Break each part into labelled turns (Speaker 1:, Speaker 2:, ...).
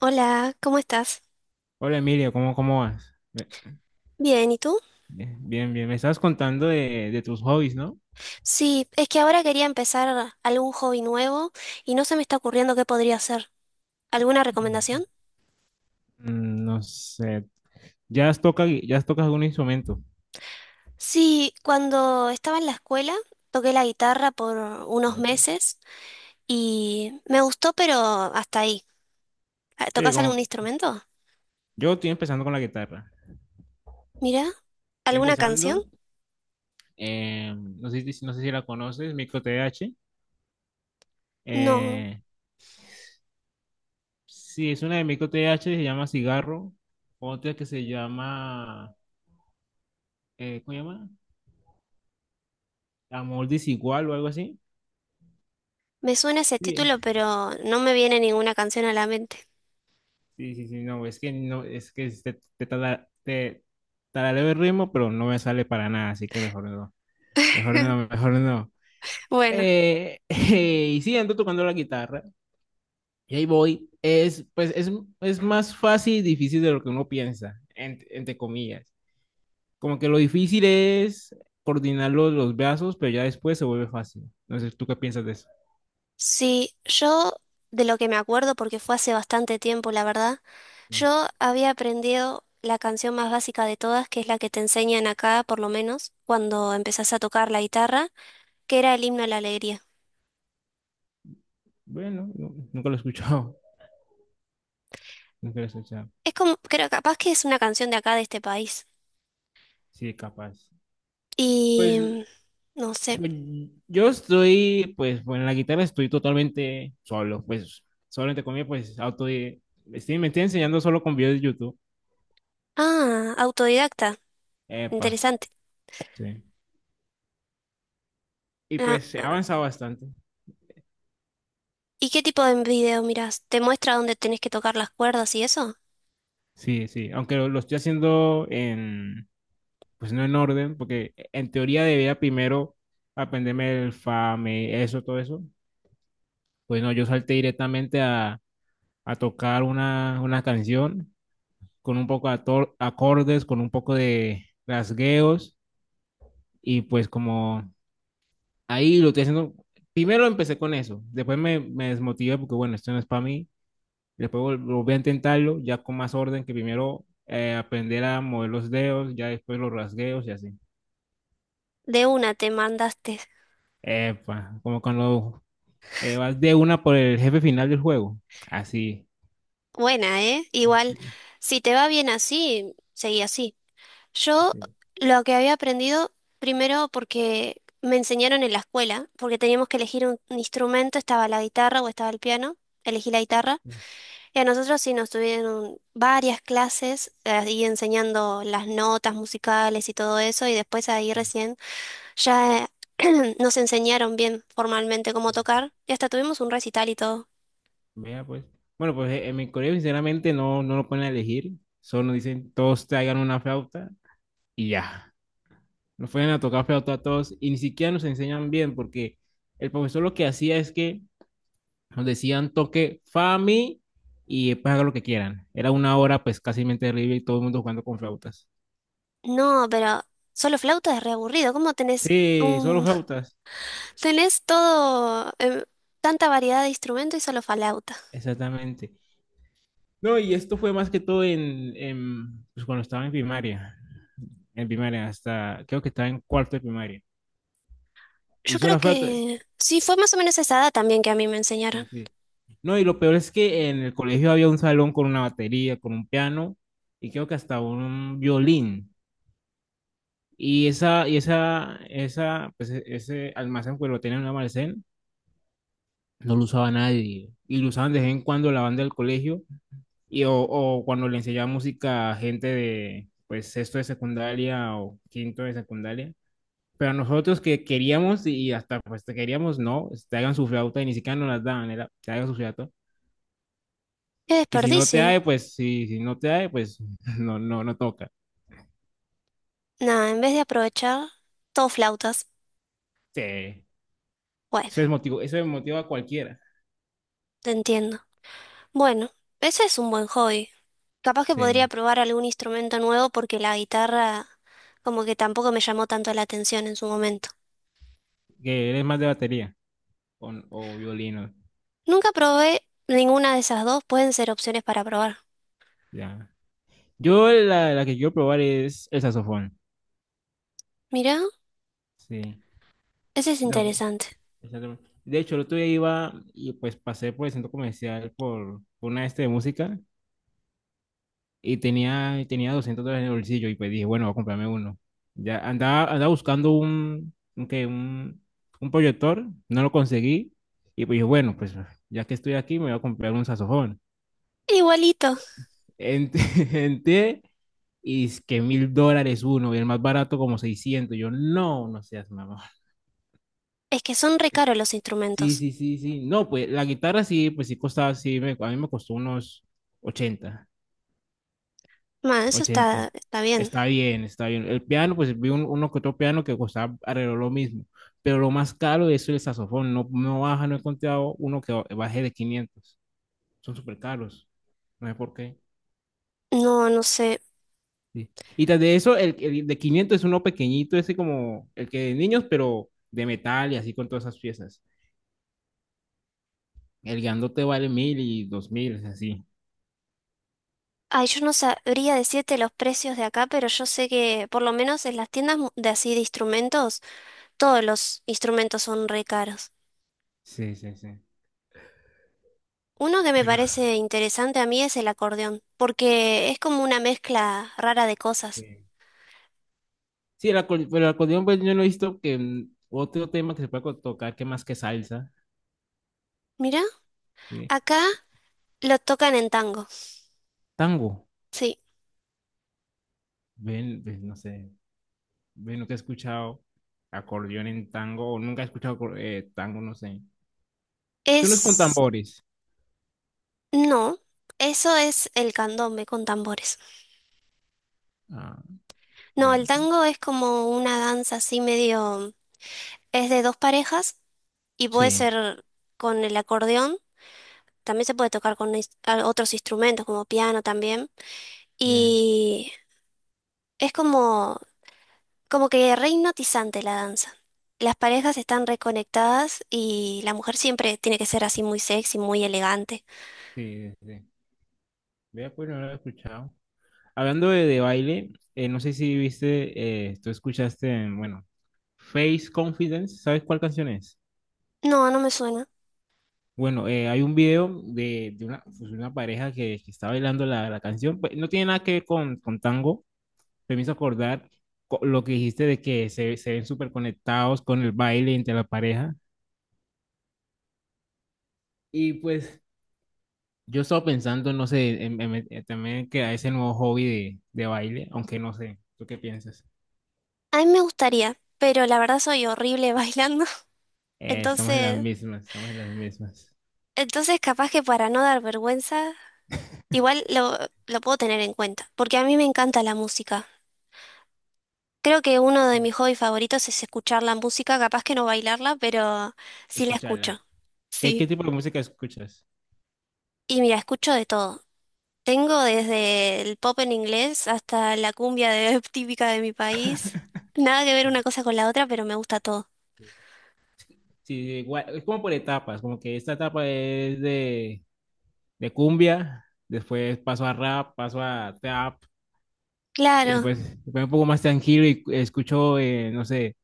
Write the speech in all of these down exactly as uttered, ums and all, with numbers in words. Speaker 1: Hola, ¿cómo estás?
Speaker 2: Hola Emilio, ¿cómo, cómo vas? Ve-
Speaker 1: Bien, ¿y tú?
Speaker 2: ve- Bien, bien, me estabas contando de, de tus hobbies, ¿no?
Speaker 1: Sí, es que ahora quería empezar algún hobby nuevo y no se me está ocurriendo qué podría hacer. ¿Alguna recomendación?
Speaker 2: Mm, No sé, ¿ya has tocado, ya has tocado algún instrumento?
Speaker 1: Sí, cuando estaba en la escuela toqué la guitarra por unos
Speaker 2: Bien, bien.
Speaker 1: meses y me gustó, pero hasta ahí. Ah,
Speaker 2: Sí,
Speaker 1: ¿tocas algún
Speaker 2: como
Speaker 1: instrumento?
Speaker 2: yo estoy empezando con la guitarra,
Speaker 1: Mira,
Speaker 2: estoy
Speaker 1: ¿alguna canción?
Speaker 2: empezando, eh, no sé, si- no sé si la conoces, Micro T H.
Speaker 1: No,
Speaker 2: eh, sí, es una de Micro T H, se llama Cigarro. Otra que se llama, eh, ¿cómo se llama? Amor Desigual o algo así.
Speaker 1: me suena ese
Speaker 2: Sí,
Speaker 1: título, pero no me viene ninguna canción a la mente.
Speaker 2: sí, sí, sí, no, es que no, es que te, te, tala- te tarareo el ritmo, pero no me sale para nada, así que mejor no, mejor no, mejor no.
Speaker 1: Bueno,
Speaker 2: Eh, y sí, ando tocando la guitarra, y ahí voy. Es, pues, es, es más fácil y difícil de lo que uno piensa, en- entre comillas. Como que lo difícil es coordinar los, los brazos, pero ya después se vuelve fácil. No sé, ¿tú qué piensas de eso?
Speaker 1: sí, yo de lo que me acuerdo, porque fue hace bastante tiempo, la verdad. Yo había aprendido la canción más básica de todas, que es la que te enseñan acá, por lo menos, cuando empezás a tocar la guitarra, que era el himno a la alegría.
Speaker 2: Bueno, no- nunca lo he escuchado, nunca lo he escuchado.
Speaker 1: Es como, creo, capaz que es una canción de acá, de este país.
Speaker 2: Sí, capaz.
Speaker 1: Y
Speaker 2: Pues
Speaker 1: mm, no sé.
Speaker 2: Pues, yo estoy, pues, bueno, en la guitarra estoy totalmente solo, pues, solamente conmigo pues, auto estoy, me estoy enseñando solo con videos de YouTube.
Speaker 1: Ah, autodidacta.
Speaker 2: Epa,
Speaker 1: Interesante.
Speaker 2: sí. Y
Speaker 1: Ah,
Speaker 2: pues he
Speaker 1: ah.
Speaker 2: avanzado bastante.
Speaker 1: ¿Y qué tipo de video mirás? ¿Te muestra dónde tenés que tocar las cuerdas y eso?
Speaker 2: Sí, sí, aunque lo, lo estoy haciendo en, pues, no en orden, porque en teoría debía primero aprenderme el fa, me, eso, todo eso. Pues no, yo salté directamente a, a tocar una, una canción con un poco de ator- acordes, con un poco de rasgueos. Y pues como ahí lo estoy haciendo, primero empecé con eso, después me, me desmotivé porque bueno, esto no es para mí, después vol- volví a intentarlo ya con más orden, que primero, eh, aprender a mover los dedos, ya después los rasgueos y así.
Speaker 1: De una te mandaste.
Speaker 2: Epa, como cuando, eh, vas de una por el jefe final del juego, así.
Speaker 1: Buena, ¿eh?
Speaker 2: Sí,
Speaker 1: Igual,
Speaker 2: sí,
Speaker 1: si te va bien así, seguí así. Yo
Speaker 2: sí,
Speaker 1: lo que había aprendido, primero porque me enseñaron en la escuela, porque teníamos que elegir un, un instrumento, estaba la guitarra o estaba el piano, elegí la guitarra,
Speaker 2: sí,
Speaker 1: y a nosotros sí nos tuvieron varias clases eh, ahí enseñando las notas musicales y todo eso, y después ahí recién ya eh, nos enseñaron bien formalmente cómo
Speaker 2: sí.
Speaker 1: tocar, y hasta tuvimos un recital y todo.
Speaker 2: Vea, pues. Bueno, pues, eh, en mi colegio sinceramente no, no lo ponen a elegir, solo nos dicen todos traigan una flauta y ya. Nos fueron a tocar flauta a todos y ni siquiera nos enseñan bien porque el profesor lo que hacía es que nos decían toque Fami y después haga lo que quieran. Era una hora pues casi terrible y todo el mundo jugando con flautas.
Speaker 1: No, pero solo flauta es re aburrido, ¿cómo tenés
Speaker 2: Sí, solo
Speaker 1: un...
Speaker 2: flautas,
Speaker 1: Tenés todo, em, tanta variedad de instrumentos y solo flauta.
Speaker 2: exactamente. No, y esto fue más que todo en, en pues, cuando estaba en primaria, en primaria hasta creo que estaba en cuarto de primaria.
Speaker 1: Yo
Speaker 2: Y
Speaker 1: creo
Speaker 2: solo flauta.
Speaker 1: que sí, fue más o menos esa edad también que a mí me enseñaron.
Speaker 2: Sí, sí. No, y lo peor es que en el colegio había un salón con una batería, con un piano y creo que hasta un violín. Y esa, y esa, esa, pues e- ese almacén, pues lo tenía en un almacén, no lo usaba nadie. Y lo usaban de vez en cuando la banda del colegio y, o, o cuando le enseñaba música a gente de, pues, sexto de secundaria o quinto de secundaria. Pero a nosotros que queríamos y hasta pues te queríamos, no, pues, te hagan su flauta y ni siquiera nos las daban, era, te hagan su flauta.
Speaker 1: Qué
Speaker 2: Y si no te
Speaker 1: desperdicio.
Speaker 2: hay, pues si si no te hay, pues no, no, no toca.
Speaker 1: Nada, en vez de aprovechar, todo flautas.
Speaker 2: Sí.
Speaker 1: Bueno,
Speaker 2: Eso es motivo, eso es motivo a cualquiera.
Speaker 1: te entiendo. Bueno, ese es un buen hobby. Capaz que podría
Speaker 2: Sí.
Speaker 1: probar algún instrumento nuevo porque la guitarra como que tampoco me llamó tanto la atención en su momento.
Speaker 2: Que eres más de batería o, o violino.
Speaker 1: Nunca probé ninguna de esas dos, pueden ser opciones para probar.
Speaker 2: Ya. Yo la, la que quiero probar es el saxofón.
Speaker 1: Mirá,
Speaker 2: Sí.
Speaker 1: ese es
Speaker 2: El saxofón,
Speaker 1: interesante.
Speaker 2: el saxofón. De hecho, el otro día iba y pues pasé por el centro comercial por, por una este de música, y tenía, tenía doscientos dólares en el bolsillo y pues dije, bueno, voy a comprarme uno. Ya andaba, andaba buscando un, un, qué, un, un proyector, no lo conseguí y pues dije, bueno, pues, ya que estoy aquí me voy a comprar un saxofón.
Speaker 1: Igualito.
Speaker 2: Ent- Entré y es que mil dólares uno, y el más barato como seiscientos. Yo, no, no seas mamá.
Speaker 1: Es que son re caros los
Speaker 2: Sí,
Speaker 1: instrumentos.
Speaker 2: sí, sí, sí. No, pues la guitarra sí, pues sí costaba, sí, me, a mí me costó unos ochenta
Speaker 1: Bueno, eso está,
Speaker 2: ochenta
Speaker 1: está bien.
Speaker 2: Está bien, está bien. El piano, pues vi un, uno que otro piano que costaba alrededor lo mismo, pero lo más caro es el saxofón. No, no baja, no he encontrado uno que baje de quinientos. Son súper caros. No sé por qué.
Speaker 1: No, no sé.
Speaker 2: Sí. Y tras de eso, el, el de quinientos es uno pequeñito, ese como el que de niños, pero de metal y así con todas esas piezas. El grandote vale mil, y dos mil, es así.
Speaker 1: Ay, yo no sabría decirte los precios de acá, pero yo sé que por lo menos en las tiendas mu- de así de instrumentos, todos los instrumentos son re caros.
Speaker 2: Sí, sí, sí.
Speaker 1: Uno que me parece interesante a mí es el acordeón, porque es como una mezcla rara de cosas.
Speaker 2: Sí, sí, el acor- pero el acordeón, pues yo no he visto, que, mm, otro tema que se pueda co- tocar que más que salsa.
Speaker 1: Mira,
Speaker 2: Sí.
Speaker 1: acá lo tocan en tango.
Speaker 2: Tango.
Speaker 1: Sí,
Speaker 2: Ven, ven, no sé. Ven, nunca he escuchado acordeón en tango, o nunca he escuchado acor- eh, tango, no sé. Son los con
Speaker 1: es...
Speaker 2: tambores.
Speaker 1: No, eso es el candombe con tambores.
Speaker 2: Ah,
Speaker 1: No, el
Speaker 2: vea.
Speaker 1: tango es como una danza así medio... Es de dos parejas y puede
Speaker 2: Sí,
Speaker 1: ser con el acordeón, también se puede tocar con ins- a- otros instrumentos como piano también.
Speaker 2: ya.
Speaker 1: Y es como, como que re hipnotizante la danza. Las parejas están reconectadas y la mujer siempre tiene que ser así muy sexy, muy elegante.
Speaker 2: Sí, sí, sí. Vea, pues no lo he escuchado. Hablando de, de baile, eh, no sé si viste, eh, tú escuchaste, bueno, Face Confidence, ¿sabes cuál canción es?
Speaker 1: No, no me suena.
Speaker 2: Bueno, eh, hay un video de, de una, pues, una pareja que, que está bailando la, la canción, pues, no tiene nada que ver con, con tango. Me hizo acordar, co- lo que dijiste de que se, se ven súper conectados con el baile entre la pareja. Y pues yo estaba pensando, no sé, en- en- en- también que a ese nuevo hobby de, de baile, aunque no sé, ¿tú qué piensas?
Speaker 1: A mí me gustaría, pero la verdad soy horrible bailando.
Speaker 2: Eh, estamos en las
Speaker 1: Entonces,
Speaker 2: mismas, estamos en las mismas.
Speaker 1: entonces capaz que para no dar vergüenza, igual lo, lo puedo tener en cuenta, porque a mí me encanta la música. Creo que uno de mis hobbies favoritos es escuchar la música, capaz que no bailarla, pero sí la
Speaker 2: Escucharla.
Speaker 1: escucho,
Speaker 2: ¿Qué, qué
Speaker 1: sí.
Speaker 2: tipo de música escuchas?
Speaker 1: Y mira, escucho de todo. Tengo desde el pop en inglés hasta la cumbia de- típica de mi país. Nada que ver una cosa con la otra, pero me gusta todo.
Speaker 2: Sí, sí, igual, es como por etapas, como que esta etapa es de, de cumbia, después paso a rap, paso a trap, y
Speaker 1: Claro,
Speaker 2: pues me pongo un poco más tranquilo y escucho, eh, no sé,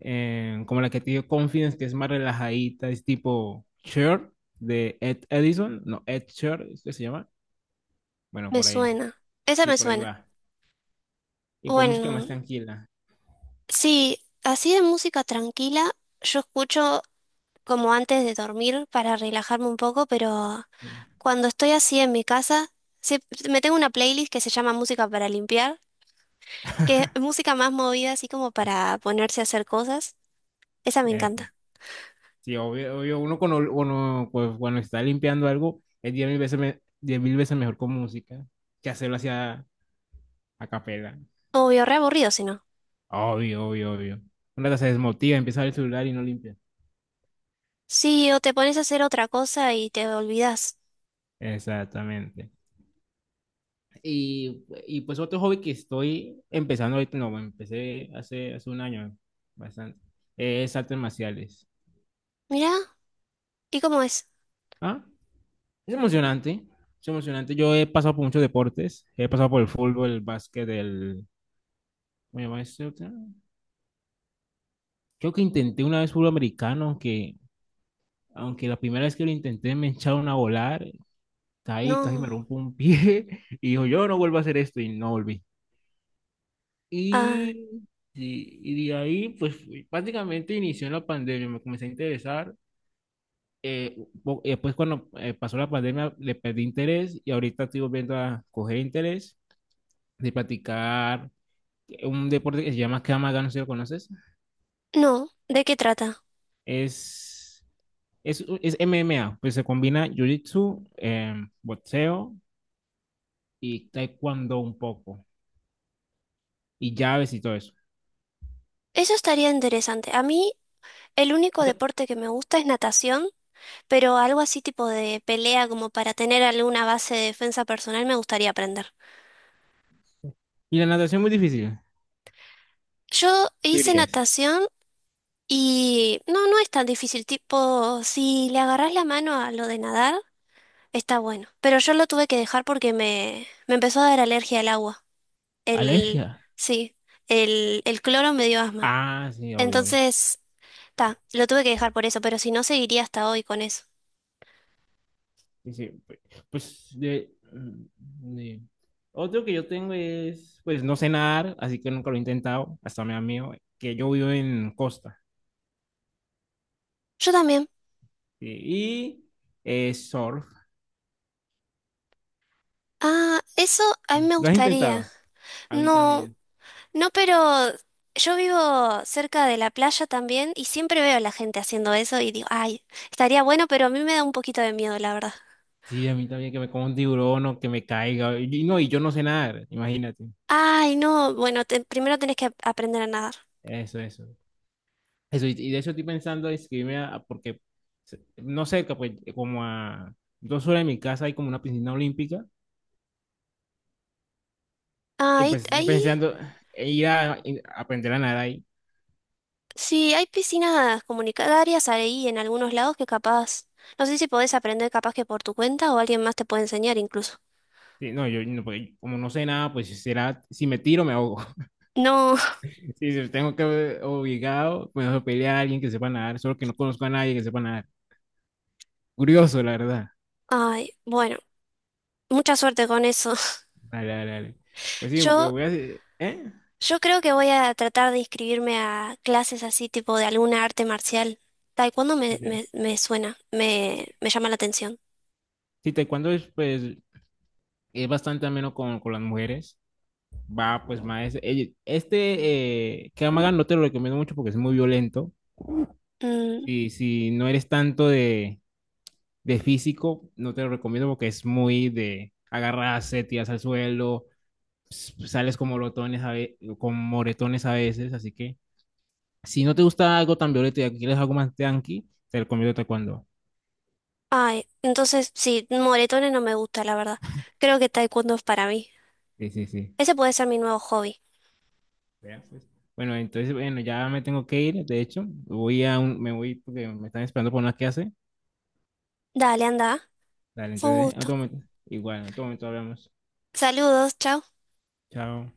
Speaker 2: eh, como la que te dio Confidence, que es más relajadita, es tipo Sure de Ed Edison, no, Ed Shure, ¿es que se llama? Bueno,
Speaker 1: me
Speaker 2: por ahí,
Speaker 1: suena. Esa
Speaker 2: sí,
Speaker 1: me
Speaker 2: por ahí
Speaker 1: suena.
Speaker 2: va. Y pues música más
Speaker 1: Bueno,
Speaker 2: tranquila.
Speaker 1: sí, así de música tranquila, yo escucho como antes de dormir para relajarme un poco, pero...
Speaker 2: Sí.
Speaker 1: Cuando estoy así en mi casa, sie- me tengo una playlist que se llama Música para limpiar, que es música más movida, así como para ponerse a hacer cosas. Esa me
Speaker 2: Eh, pues,
Speaker 1: encanta.
Speaker 2: sí, obvio, obvio, uno cuando, uno, pues, cuando está limpiando algo, es diez mil veces, me- diez mil veces mejor con música que hacerlo hacia a capela.
Speaker 1: Obvio, re aburrido si no.
Speaker 2: Obvio, obvio, obvio. Una que se desmotiva, empieza a ver el celular y no limpia.
Speaker 1: Sí, o te pones a hacer otra cosa y te olvidas.
Speaker 2: Exactamente. Y, y, pues, otro hobby que estoy empezando ahorita, no, bueno, empecé hace, hace un año, bastante, es artes marciales.
Speaker 1: Mirá, ¿y cómo es?
Speaker 2: ¿Ah? Es emocionante, es emocionante. Yo he pasado por muchos deportes, he pasado por el fútbol, el básquet, el... ¿Cómo se llama este otro? Creo que intenté una vez fútbol americano, aunque, aunque la primera vez que lo intenté me echaron a volar, caí, casi me
Speaker 1: No.
Speaker 2: rompo un pie. Y dijo, yo no vuelvo a hacer esto, y no volví.
Speaker 1: Ah,
Speaker 2: Y sí, y de ahí, pues, fui- prácticamente inició la pandemia, me comencé a interesar. Eh, po- eh, después, cuando, eh, pasó la pandemia, le perdí interés, y ahorita estoy volviendo a coger interés de practicar un deporte que se llama Kamaga, no sé si lo conoces.
Speaker 1: no. ¿De qué trata?
Speaker 2: Es, es, es M M A, pues se combina jiu-jitsu, eh, boxeo y taekwondo un poco, y llaves y todo eso.
Speaker 1: Eso estaría interesante. A mí, el único
Speaker 2: Nunca-
Speaker 1: deporte que me gusta es natación, pero algo así tipo de pelea, como para tener alguna base de defensa personal, me gustaría aprender.
Speaker 2: Y la natación es muy difícil,
Speaker 1: Yo
Speaker 2: tú
Speaker 1: hice
Speaker 2: dirías.
Speaker 1: natación y no, no es tan difícil, tipo, si le agarrás la mano a lo de nadar, está bueno. Pero yo lo tuve que dejar porque me, me empezó a dar alergia al agua. El,
Speaker 2: Alergia.
Speaker 1: sí, el, el cloro me dio asma.
Speaker 2: Ah, sí, obvio, obvio.
Speaker 1: Entonces, ta, lo tuve que dejar por eso, pero si no, seguiría hasta hoy con eso.
Speaker 2: Dice, pues, pues, de, de- otro que yo tengo es, pues, no sé nadar, así que nunca lo he intentado, hasta me da miedo, que yo vivo en Costa.
Speaker 1: Yo también.
Speaker 2: ¿Sí? Y, eh, surf,
Speaker 1: Ah, eso a mí me
Speaker 2: ¿lo has
Speaker 1: gustaría.
Speaker 2: intentado? A mí
Speaker 1: No,
Speaker 2: también,
Speaker 1: no, pero yo vivo cerca de la playa también y siempre veo a la gente haciendo eso y digo, ay, estaría bueno, pero a mí me da un poquito de miedo, la verdad.
Speaker 2: sí, a mí también, que me coma un tiburón o que me caiga, y, y no, y yo no sé nadar, imagínate.
Speaker 1: Ay, no, bueno, te- primero tenés que ap- aprender a nadar.
Speaker 2: Eso, eso, eso, y, y de eso estoy pensando inscribirme, a- a- porque, se- no cerca, pues, como a dos horas de mi casa hay como una piscina olímpica,
Speaker 1: Ah,
Speaker 2: y
Speaker 1: ahí,
Speaker 2: pues estoy
Speaker 1: ahí,
Speaker 2: pensando en ir a, en aprender a nadar ahí.
Speaker 1: sí, hay piscinas comunitarias ahí en algunos lados que capaz, no sé si podés aprender capaz que por tu cuenta o alguien más te puede enseñar incluso.
Speaker 2: Sí, no, yo no, porque como no sé nada, pues si será, si me tiro, me ahogo.
Speaker 1: No,
Speaker 2: Sí. Si tengo que obligado, me voy a pedirle a alguien que sepa nadar, solo que no conozco a nadie que sepa nadar. Curioso, la verdad.
Speaker 1: ay, bueno, mucha suerte con eso.
Speaker 2: Dale, dale, dale. Pues sí, me
Speaker 1: Yo,
Speaker 2: voy a hacer- ¿eh?
Speaker 1: yo creo que voy a tratar de inscribirme a clases así tipo de alguna arte marcial. Taekwondo me,
Speaker 2: Dice,
Speaker 1: me, me suena, me, me llama la atención.
Speaker 2: sí, taekwondo es, pues, es bastante ameno con, con las mujeres. Va, pues, más. eh, Este, eh, Krav Maga no te lo recomiendo mucho porque es muy violento.
Speaker 1: Mm,
Speaker 2: Si, si no eres tanto de de físico, no te lo recomiendo, porque es muy de agarrarse, tiras al suelo, sales con moretones a, ve- con moretones a veces, así que si no te gusta algo tan violento y quieres algo más tranqui, te recomiendo taekwondo.
Speaker 1: ay, entonces sí, moretones no me gusta, la verdad. Creo que taekwondo es para mí.
Speaker 2: Sí, sí, sí.
Speaker 1: Ese puede ser mi nuevo hobby.
Speaker 2: Vea, pues. Bueno, entonces, bueno, ya me tengo que ir, de hecho, voy a un- me voy porque me están esperando por una clase.
Speaker 1: Dale, anda.
Speaker 2: Dale,
Speaker 1: Fue un
Speaker 2: entonces, en otro
Speaker 1: gusto.
Speaker 2: momento, igual, en otro momento hablamos.
Speaker 1: Saludos, chao.
Speaker 2: Chao.